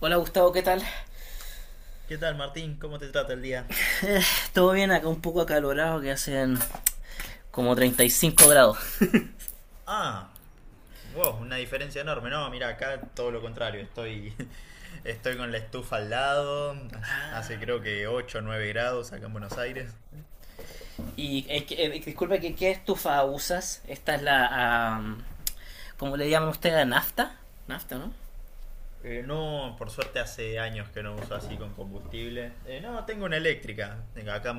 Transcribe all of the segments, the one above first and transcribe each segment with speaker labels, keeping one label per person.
Speaker 1: Hola Gustavo, ¿qué tal?
Speaker 2: ¿Qué tal, Martín? ¿Cómo te trata el día?
Speaker 1: Todo bien, acá un poco acalorado que hacen como 35 grados.
Speaker 2: Ah, wow, una diferencia enorme. No, mira, acá todo lo contrario. Estoy, estoy con la estufa al lado. Hace creo que 8, o 9 grados acá en Buenos Aires.
Speaker 1: Y disculpe, ¿qué estufa usas? Esta es la. ¿Cómo le llaman ustedes? ¿Nafta? ¿Nafta, no?
Speaker 2: No, por suerte hace años que no uso así con combustible. No, tengo una eléctrica. Tengo acá,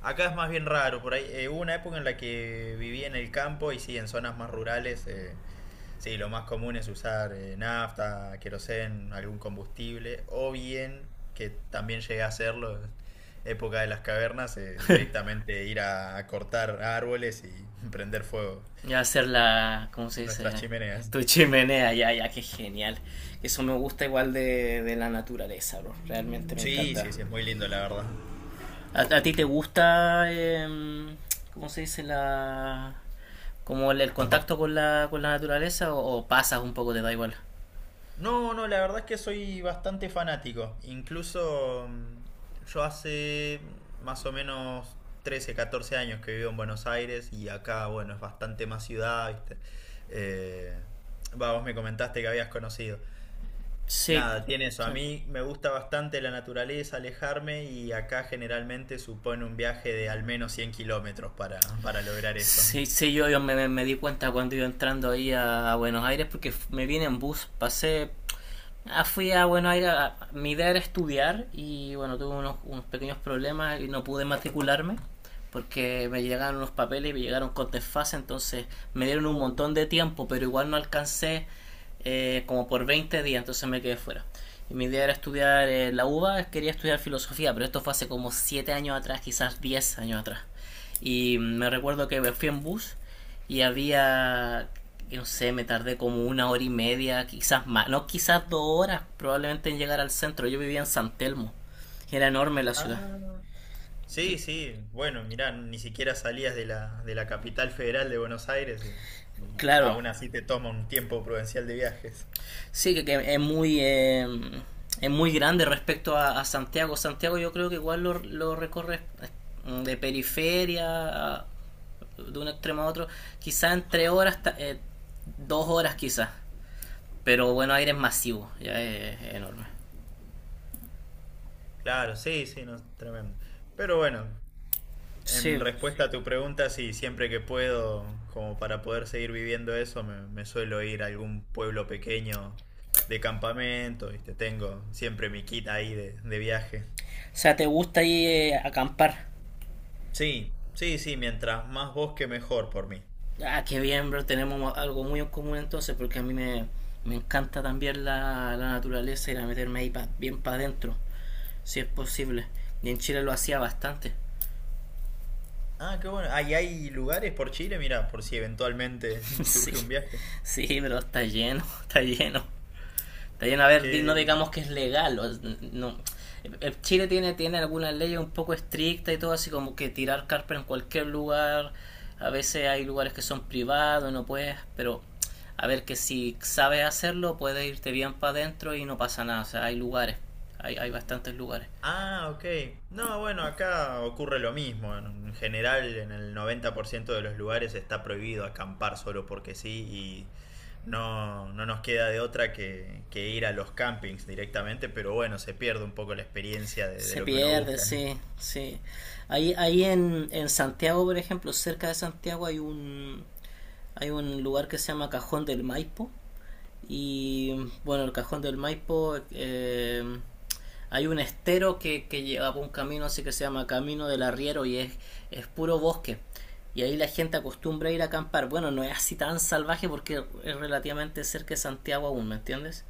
Speaker 2: acá es más bien raro. Por ahí, hubo una época en la que vivía en el campo y sí, en zonas más rurales. Sí, lo más común es usar nafta, querosén, algún combustible, o bien, que también llegué a hacerlo en época de las cavernas, directamente ir a cortar árboles y prender fuego
Speaker 1: Ya hacer la, ¿cómo se
Speaker 2: nuestras
Speaker 1: dice?
Speaker 2: chimeneas.
Speaker 1: Tu chimenea, ya, ya, qué genial. Eso me gusta igual de la naturaleza, bro. Realmente me
Speaker 2: Sí,
Speaker 1: encanta.
Speaker 2: sí, sí, es muy lindo la verdad.
Speaker 1: ¿A ti te gusta... ¿cómo se dice la, como el contacto con la naturaleza o pasas un poco, te da igual?
Speaker 2: No, no, la verdad es que soy bastante fanático. Incluso yo hace más o menos 13, 14 años que vivo en Buenos Aires y acá, bueno, es bastante más ciudad, ¿viste? Eh, Vos me comentaste que habías conocido.
Speaker 1: Sí.
Speaker 2: Nada, tiene eso.
Speaker 1: Sí.
Speaker 2: A mí me gusta bastante la naturaleza, alejarme y acá generalmente supone un viaje de al menos 100 kilómetros para lograr eso.
Speaker 1: Sí, sí, yo me di cuenta cuando iba entrando ahí a Buenos Aires porque me vine en bus, pasé. Fui a Buenos Aires, mi idea era estudiar y bueno, tuve unos pequeños problemas y no pude matricularme porque me llegaron unos papeles y me llegaron con desfase, entonces me dieron un
Speaker 2: Uh,
Speaker 1: montón de tiempo, pero igual no alcancé como por 20 días, entonces me quedé fuera. Y mi idea era estudiar la UBA, quería estudiar filosofía, pero esto fue hace como 7 años atrás, quizás 10 años atrás. Y me recuerdo que me fui en bus y había, no sé, me tardé como 1 hora y media, quizás más, no, quizás 2 horas probablemente en llegar al centro. Yo vivía en San Telmo, era enorme la ciudad.
Speaker 2: ah. Sí, sí, bueno, mirá, ni siquiera salías de la capital federal de Buenos Aires y
Speaker 1: Claro,
Speaker 2: aún así te toma un tiempo prudencial de viajes.
Speaker 1: sí, que es muy grande respecto a Santiago. Santiago yo creo que igual lo recorre de periferia, de un extremo a otro, quizás en 3 horas, 2 horas quizás. Pero Buenos Aires es masivo, ya es enorme.
Speaker 2: Claro, sí, sí, no, tremendo. Pero bueno, en
Speaker 1: Sí.
Speaker 2: respuesta a tu pregunta, sí, siempre que puedo, como para poder seguir viviendo eso, me suelo ir a algún pueblo pequeño de campamento, ¿viste? Tengo siempre mi kit ahí de viaje.
Speaker 1: O sea, ¿te gusta ir acampar?
Speaker 2: Sí, sí, sí, mientras más bosque mejor por mí.
Speaker 1: Ah, qué bien, bro. Tenemos algo muy en común entonces, porque a mí me encanta también la naturaleza y la meterme ahí bien para adentro, si es posible. Y en Chile lo hacía bastante.
Speaker 2: Ah, qué bueno. Ahí hay lugares por Chile, mira, por si eventualmente
Speaker 1: Sí,
Speaker 2: surge un viaje.
Speaker 1: sí, pero está lleno, está lleno. También, a ver, no
Speaker 2: Que...
Speaker 1: digamos que es legal. No. Chile tiene algunas leyes un poco estrictas y todo, así como que tirar carpa en cualquier lugar. A veces hay lugares que son privados, no puedes, pero a ver que si sabes hacerlo, puedes irte bien para adentro y no pasa nada. O sea, hay lugares, hay bastantes lugares.
Speaker 2: Ah, ok. No, bueno, acá ocurre lo mismo. En general, en el 90% de los lugares está prohibido acampar solo porque sí y no, no nos queda de otra que ir a los campings directamente, pero bueno, se pierde un poco la experiencia de
Speaker 1: Se
Speaker 2: lo que uno
Speaker 1: pierde,
Speaker 2: busca. ¿Eh?
Speaker 1: sí, sí. Ahí en, Santiago, por ejemplo, cerca de Santiago hay un lugar que se llama Cajón del Maipo. Y bueno, el Cajón del Maipo, hay un estero que lleva por un camino así que se llama Camino del Arriero y es puro bosque. Y ahí la gente acostumbra ir a acampar. Bueno, no es así tan salvaje porque es relativamente cerca de Santiago aún, ¿me entiendes?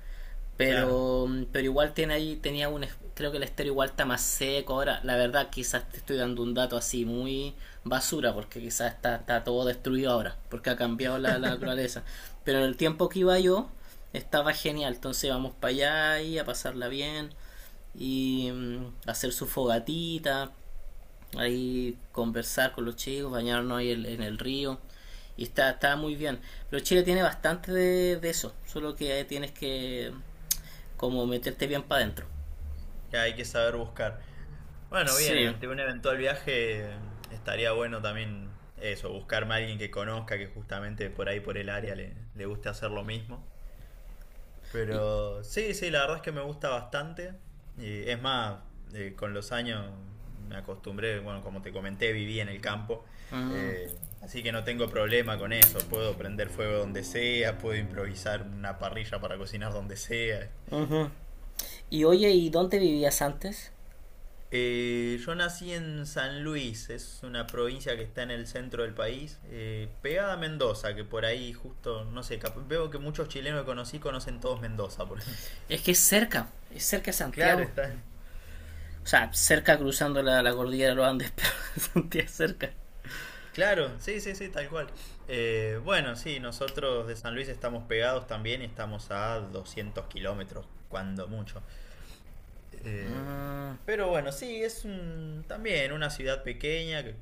Speaker 2: Claro,
Speaker 1: Pero igual tiene ahí, tenía un, creo que el estéreo igual está más seco. Ahora, la verdad, quizás te estoy dando un dato así muy basura, porque quizás está, todo destruido ahora, porque ha cambiado la naturaleza. Pero en el tiempo que iba yo, estaba genial. Entonces vamos para allá y a pasarla bien y hacer su fogatita, ahí conversar con los chicos, bañarnos ahí en el río. Y está, muy bien. Pero Chile tiene bastante de eso, solo que tienes que como meterte bien para adentro.
Speaker 2: que hay que saber buscar. Bueno, bien,
Speaker 1: Sí.
Speaker 2: ante un eventual viaje estaría bueno también eso, buscarme a alguien que conozca, que justamente por ahí, por el área, le guste hacer lo mismo.
Speaker 1: Y,
Speaker 2: Pero sí, sí, la verdad es que me gusta bastante. Y es más, con los años me acostumbré, bueno, como te comenté, viví en el campo.
Speaker 1: mm.
Speaker 2: Así que no tengo problema con eso. Puedo prender fuego donde sea, puedo improvisar una parrilla para cocinar donde sea.
Speaker 1: Ujú. Y oye, ¿y dónde vivías antes?
Speaker 2: Yo nací en San Luis, es una provincia que está en el centro del país, pegada a Mendoza, que por ahí justo, no sé, veo que muchos chilenos que conocí conocen todos Mendoza.
Speaker 1: Es que es cerca de
Speaker 2: Claro,
Speaker 1: Santiago.
Speaker 2: está.
Speaker 1: O sea, cerca cruzando la cordillera de los Andes, pero Santiago es cerca.
Speaker 2: Claro, sí, sí, sí, tal cual. Bueno, sí, nosotros de San Luis estamos pegados también y estamos a 200 kilómetros, cuando mucho. Eh,
Speaker 1: Mm,
Speaker 2: pero bueno, sí, es un, también una ciudad pequeña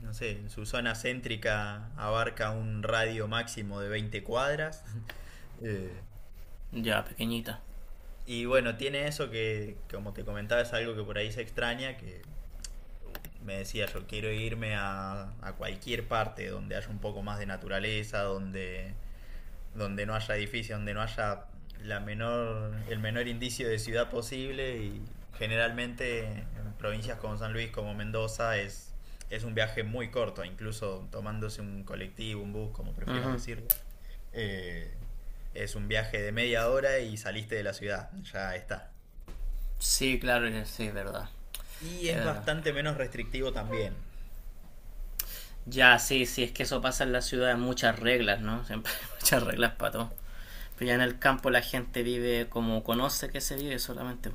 Speaker 2: no sé, en su zona céntrica abarca un radio máximo de 20 cuadras. Eh,
Speaker 1: ya, pequeñita.
Speaker 2: y bueno, tiene eso que, como te comentaba, es algo que por ahí se extraña, que me decía yo quiero irme a cualquier parte donde haya un poco más de naturaleza, donde no haya edificios, donde no haya la menor, el menor indicio de ciudad posible y generalmente en provincias como San Luis, como Mendoza, es un viaje muy corto, incluso tomándose un colectivo, un bus, como prefieras
Speaker 1: Ujú.
Speaker 2: decirlo. Eh, es un viaje de media hora y saliste de la ciudad, ya está.
Speaker 1: Sí, claro, sí, es verdad.
Speaker 2: Y
Speaker 1: Es
Speaker 2: es
Speaker 1: verdad.
Speaker 2: bastante menos restrictivo también.
Speaker 1: Ya, sí, sí, es que eso pasa en la ciudad, hay muchas reglas, ¿no? Siempre hay muchas reglas para todo. Pero ya en el campo la gente vive como conoce que se vive solamente.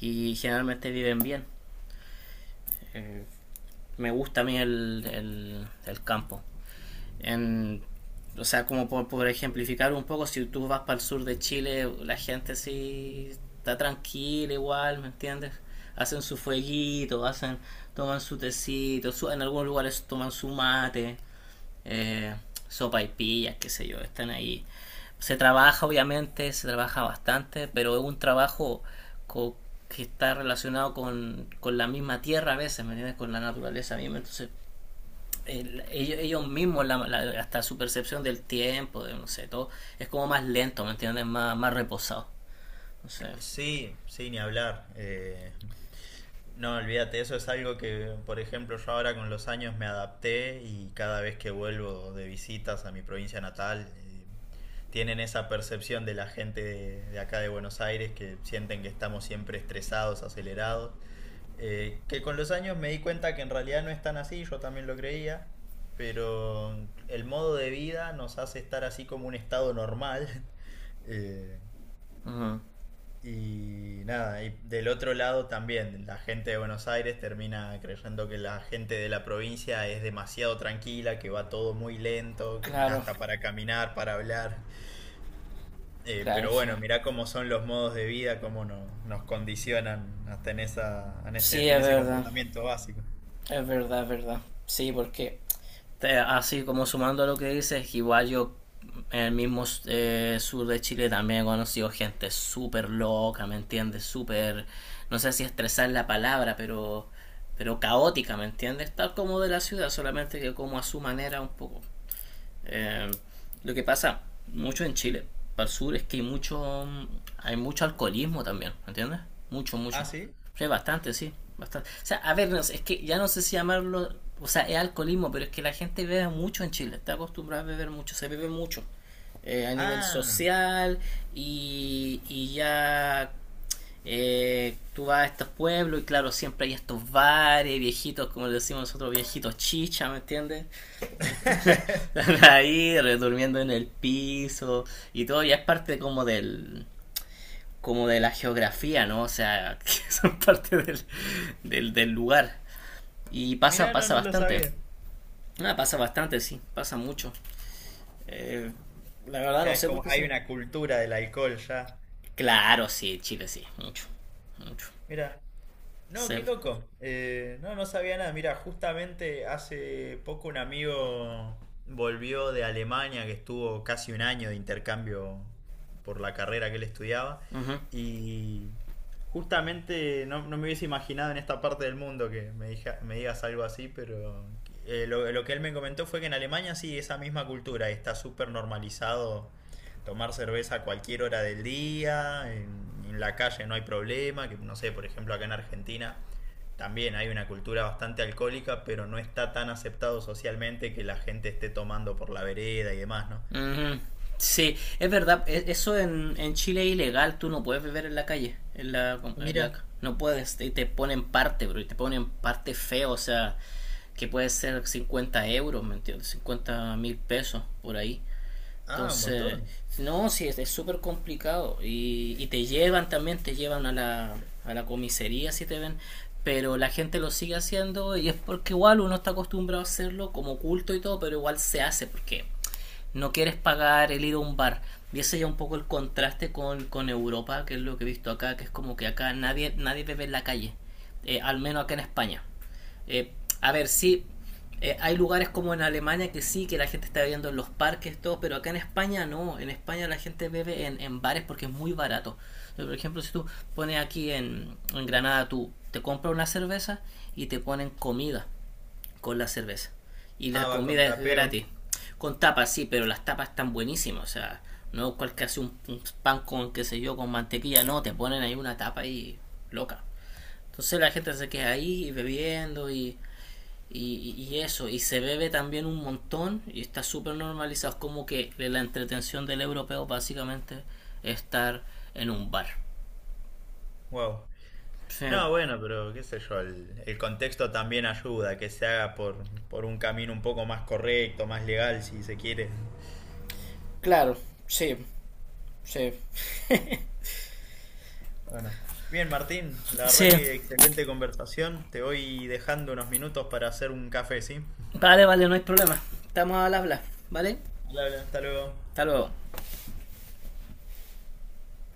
Speaker 1: Y generalmente viven bien. Eh, me gusta a mí el, el campo. En, o sea, como por, ejemplificar un poco, si tú vas para el sur de Chile, la gente sí está tranquila igual, ¿me entiendes? Hacen su fueguito, hacen, toman su tecito, en algunos lugares toman su mate, eh, sopa y pillas, qué sé yo, están ahí. Se trabaja, obviamente, se trabaja bastante, pero es un trabajo co- que está relacionado con la misma tierra a veces, ¿me entiendes? Con la naturaleza misma, entonces ellos, ellos mismos, hasta su percepción del tiempo, de no sé, todo, es como más lento, ¿me entiendes? Más, más reposado. No sé.
Speaker 2: Sí, sí, ni hablar. No, olvídate, eso es algo que, por ejemplo, yo ahora con los años me adapté y cada vez que vuelvo de visitas a mi provincia natal, tienen esa percepción de la gente de acá de Buenos Aires que sienten que estamos siempre estresados, acelerados. Que con los años me di cuenta que en realidad no es tan así, yo también lo creía, pero el modo de vida nos hace estar así como un estado normal. eh,
Speaker 1: Ujú.
Speaker 2: y nada, y del otro lado también, la gente de Buenos Aires termina creyendo que la gente de la provincia es demasiado tranquila, que va todo muy lento, que
Speaker 1: Claro,
Speaker 2: hasta para caminar, para hablar.
Speaker 1: claro,
Speaker 2: Pero
Speaker 1: sí.
Speaker 2: bueno, mirá cómo son los modos de vida, cómo nos condicionan hasta en esa, en
Speaker 1: Sí,
Speaker 2: este, en
Speaker 1: es
Speaker 2: ese
Speaker 1: verdad.
Speaker 2: comportamiento básico.
Speaker 1: Es verdad, es verdad. Sí, porque así como sumando a lo que dices, igual yo en el mismo sur de Chile también he conocido gente súper loca, ¿me entiendes? Súper, no sé si estresar la palabra, pero, caótica, ¿me entiendes? Tal como de la ciudad, solamente que como a su manera un poco. Eh, lo que pasa mucho en Chile, para el sur, es que hay mucho alcoholismo también, ¿entiendes? Mucho,
Speaker 2: ¿Ah,
Speaker 1: mucho.
Speaker 2: sí?
Speaker 1: Sí, bastante, sí, bastante. O sea, a ver, no sé, es que ya no sé si llamarlo, o sea, es alcoholismo, pero es que la gente bebe mucho en Chile, está acostumbrada a beber mucho, se bebe mucho. A nivel
Speaker 2: Ah,
Speaker 1: social y ya, tú vas a estos pueblos y claro, siempre hay estos bares viejitos, como le decimos nosotros, viejitos chicha, ¿me entiendes? Que están, están ahí durmiendo en el piso y todo, ya es parte como del como de la geografía, ¿no? O sea, que son parte del, lugar. Y pasa,
Speaker 2: mirá, no,
Speaker 1: pasa
Speaker 2: no lo
Speaker 1: bastante.
Speaker 2: sabía.
Speaker 1: Ah, pasa bastante, sí, pasa mucho. Eh, la verdad no
Speaker 2: Que es
Speaker 1: sé por
Speaker 2: como,
Speaker 1: qué
Speaker 2: hay
Speaker 1: se...
Speaker 2: una cultura del alcohol ya.
Speaker 1: Claro, sí, Chile sí, mucho, mucho.
Speaker 2: Mirá. No,
Speaker 1: Se.
Speaker 2: qué loco. No, no sabía nada. Mira, justamente hace poco un amigo volvió de Alemania, que estuvo casi un año de intercambio por la carrera que él estudiaba.
Speaker 1: Ujú.
Speaker 2: Y justamente no, no me hubiese imaginado en esta parte del mundo que me, me digas algo así, pero lo que él me comentó fue que en Alemania sí, esa misma cultura está súper normalizado tomar cerveza a cualquier hora del día, en la calle no hay problema, que no sé, por ejemplo, acá en Argentina también hay una cultura bastante alcohólica, pero no está tan aceptado socialmente que la gente esté tomando por la vereda y demás, ¿no?
Speaker 1: Ujú. Sí, es verdad, eso en Chile es ilegal, tú no puedes beber en la calle, en la,
Speaker 2: Mira,
Speaker 1: no puedes, y te ponen parte, bro, y te ponen parte feo, o sea, que puede ser 50 euros, ¿me entiendes? 50 mil pesos por ahí.
Speaker 2: ah, un
Speaker 1: Entonces,
Speaker 2: montón.
Speaker 1: no, sí, es súper complicado y, te llevan también, te llevan a la comisaría si te ven, pero la gente lo sigue haciendo y es porque igual uno está acostumbrado a hacerlo como culto y todo, pero igual se hace porque no quieres pagar el ir a un bar. Y ese ya un poco el contraste con Europa, que es lo que he visto acá, que es como que acá nadie, nadie bebe en la calle, al menos acá en España. Eh, a ver, sí, hay lugares como en Alemania que sí, que la gente está bebiendo en los parques, todo, pero acá en España no, en España la gente bebe en, bares porque es muy barato. Por ejemplo, si tú pones aquí en Granada, tú te compras una cerveza y te ponen comida con la cerveza. Y la
Speaker 2: Ah, va con
Speaker 1: comida es
Speaker 2: tapeo.
Speaker 1: gratis. Con tapas, sí, pero las tapas están buenísimas. O sea, no cualquier hace un, pan con, qué sé yo, con mantequilla. No, te ponen ahí una tapa ahí loca. Entonces la gente se queda ahí bebiendo y eso. Y se bebe también un montón y está súper normalizado. Es como que la entretención del europeo básicamente es estar en un bar.
Speaker 2: Wow.
Speaker 1: Sí.
Speaker 2: No, bueno, pero qué sé yo, el contexto también ayuda, que se haga por un camino un poco más correcto, más legal, si se quiere.
Speaker 1: Claro, sí, sí.
Speaker 2: Bueno, bien Martín, la verdad
Speaker 1: Sí.
Speaker 2: que excelente conversación. Te voy dejando unos minutos para hacer un café, ¿sí?
Speaker 1: Vale, vale, no hay problema. Estamos al habla, ¿vale?
Speaker 2: Hola, hola, hasta luego.
Speaker 1: Hasta luego.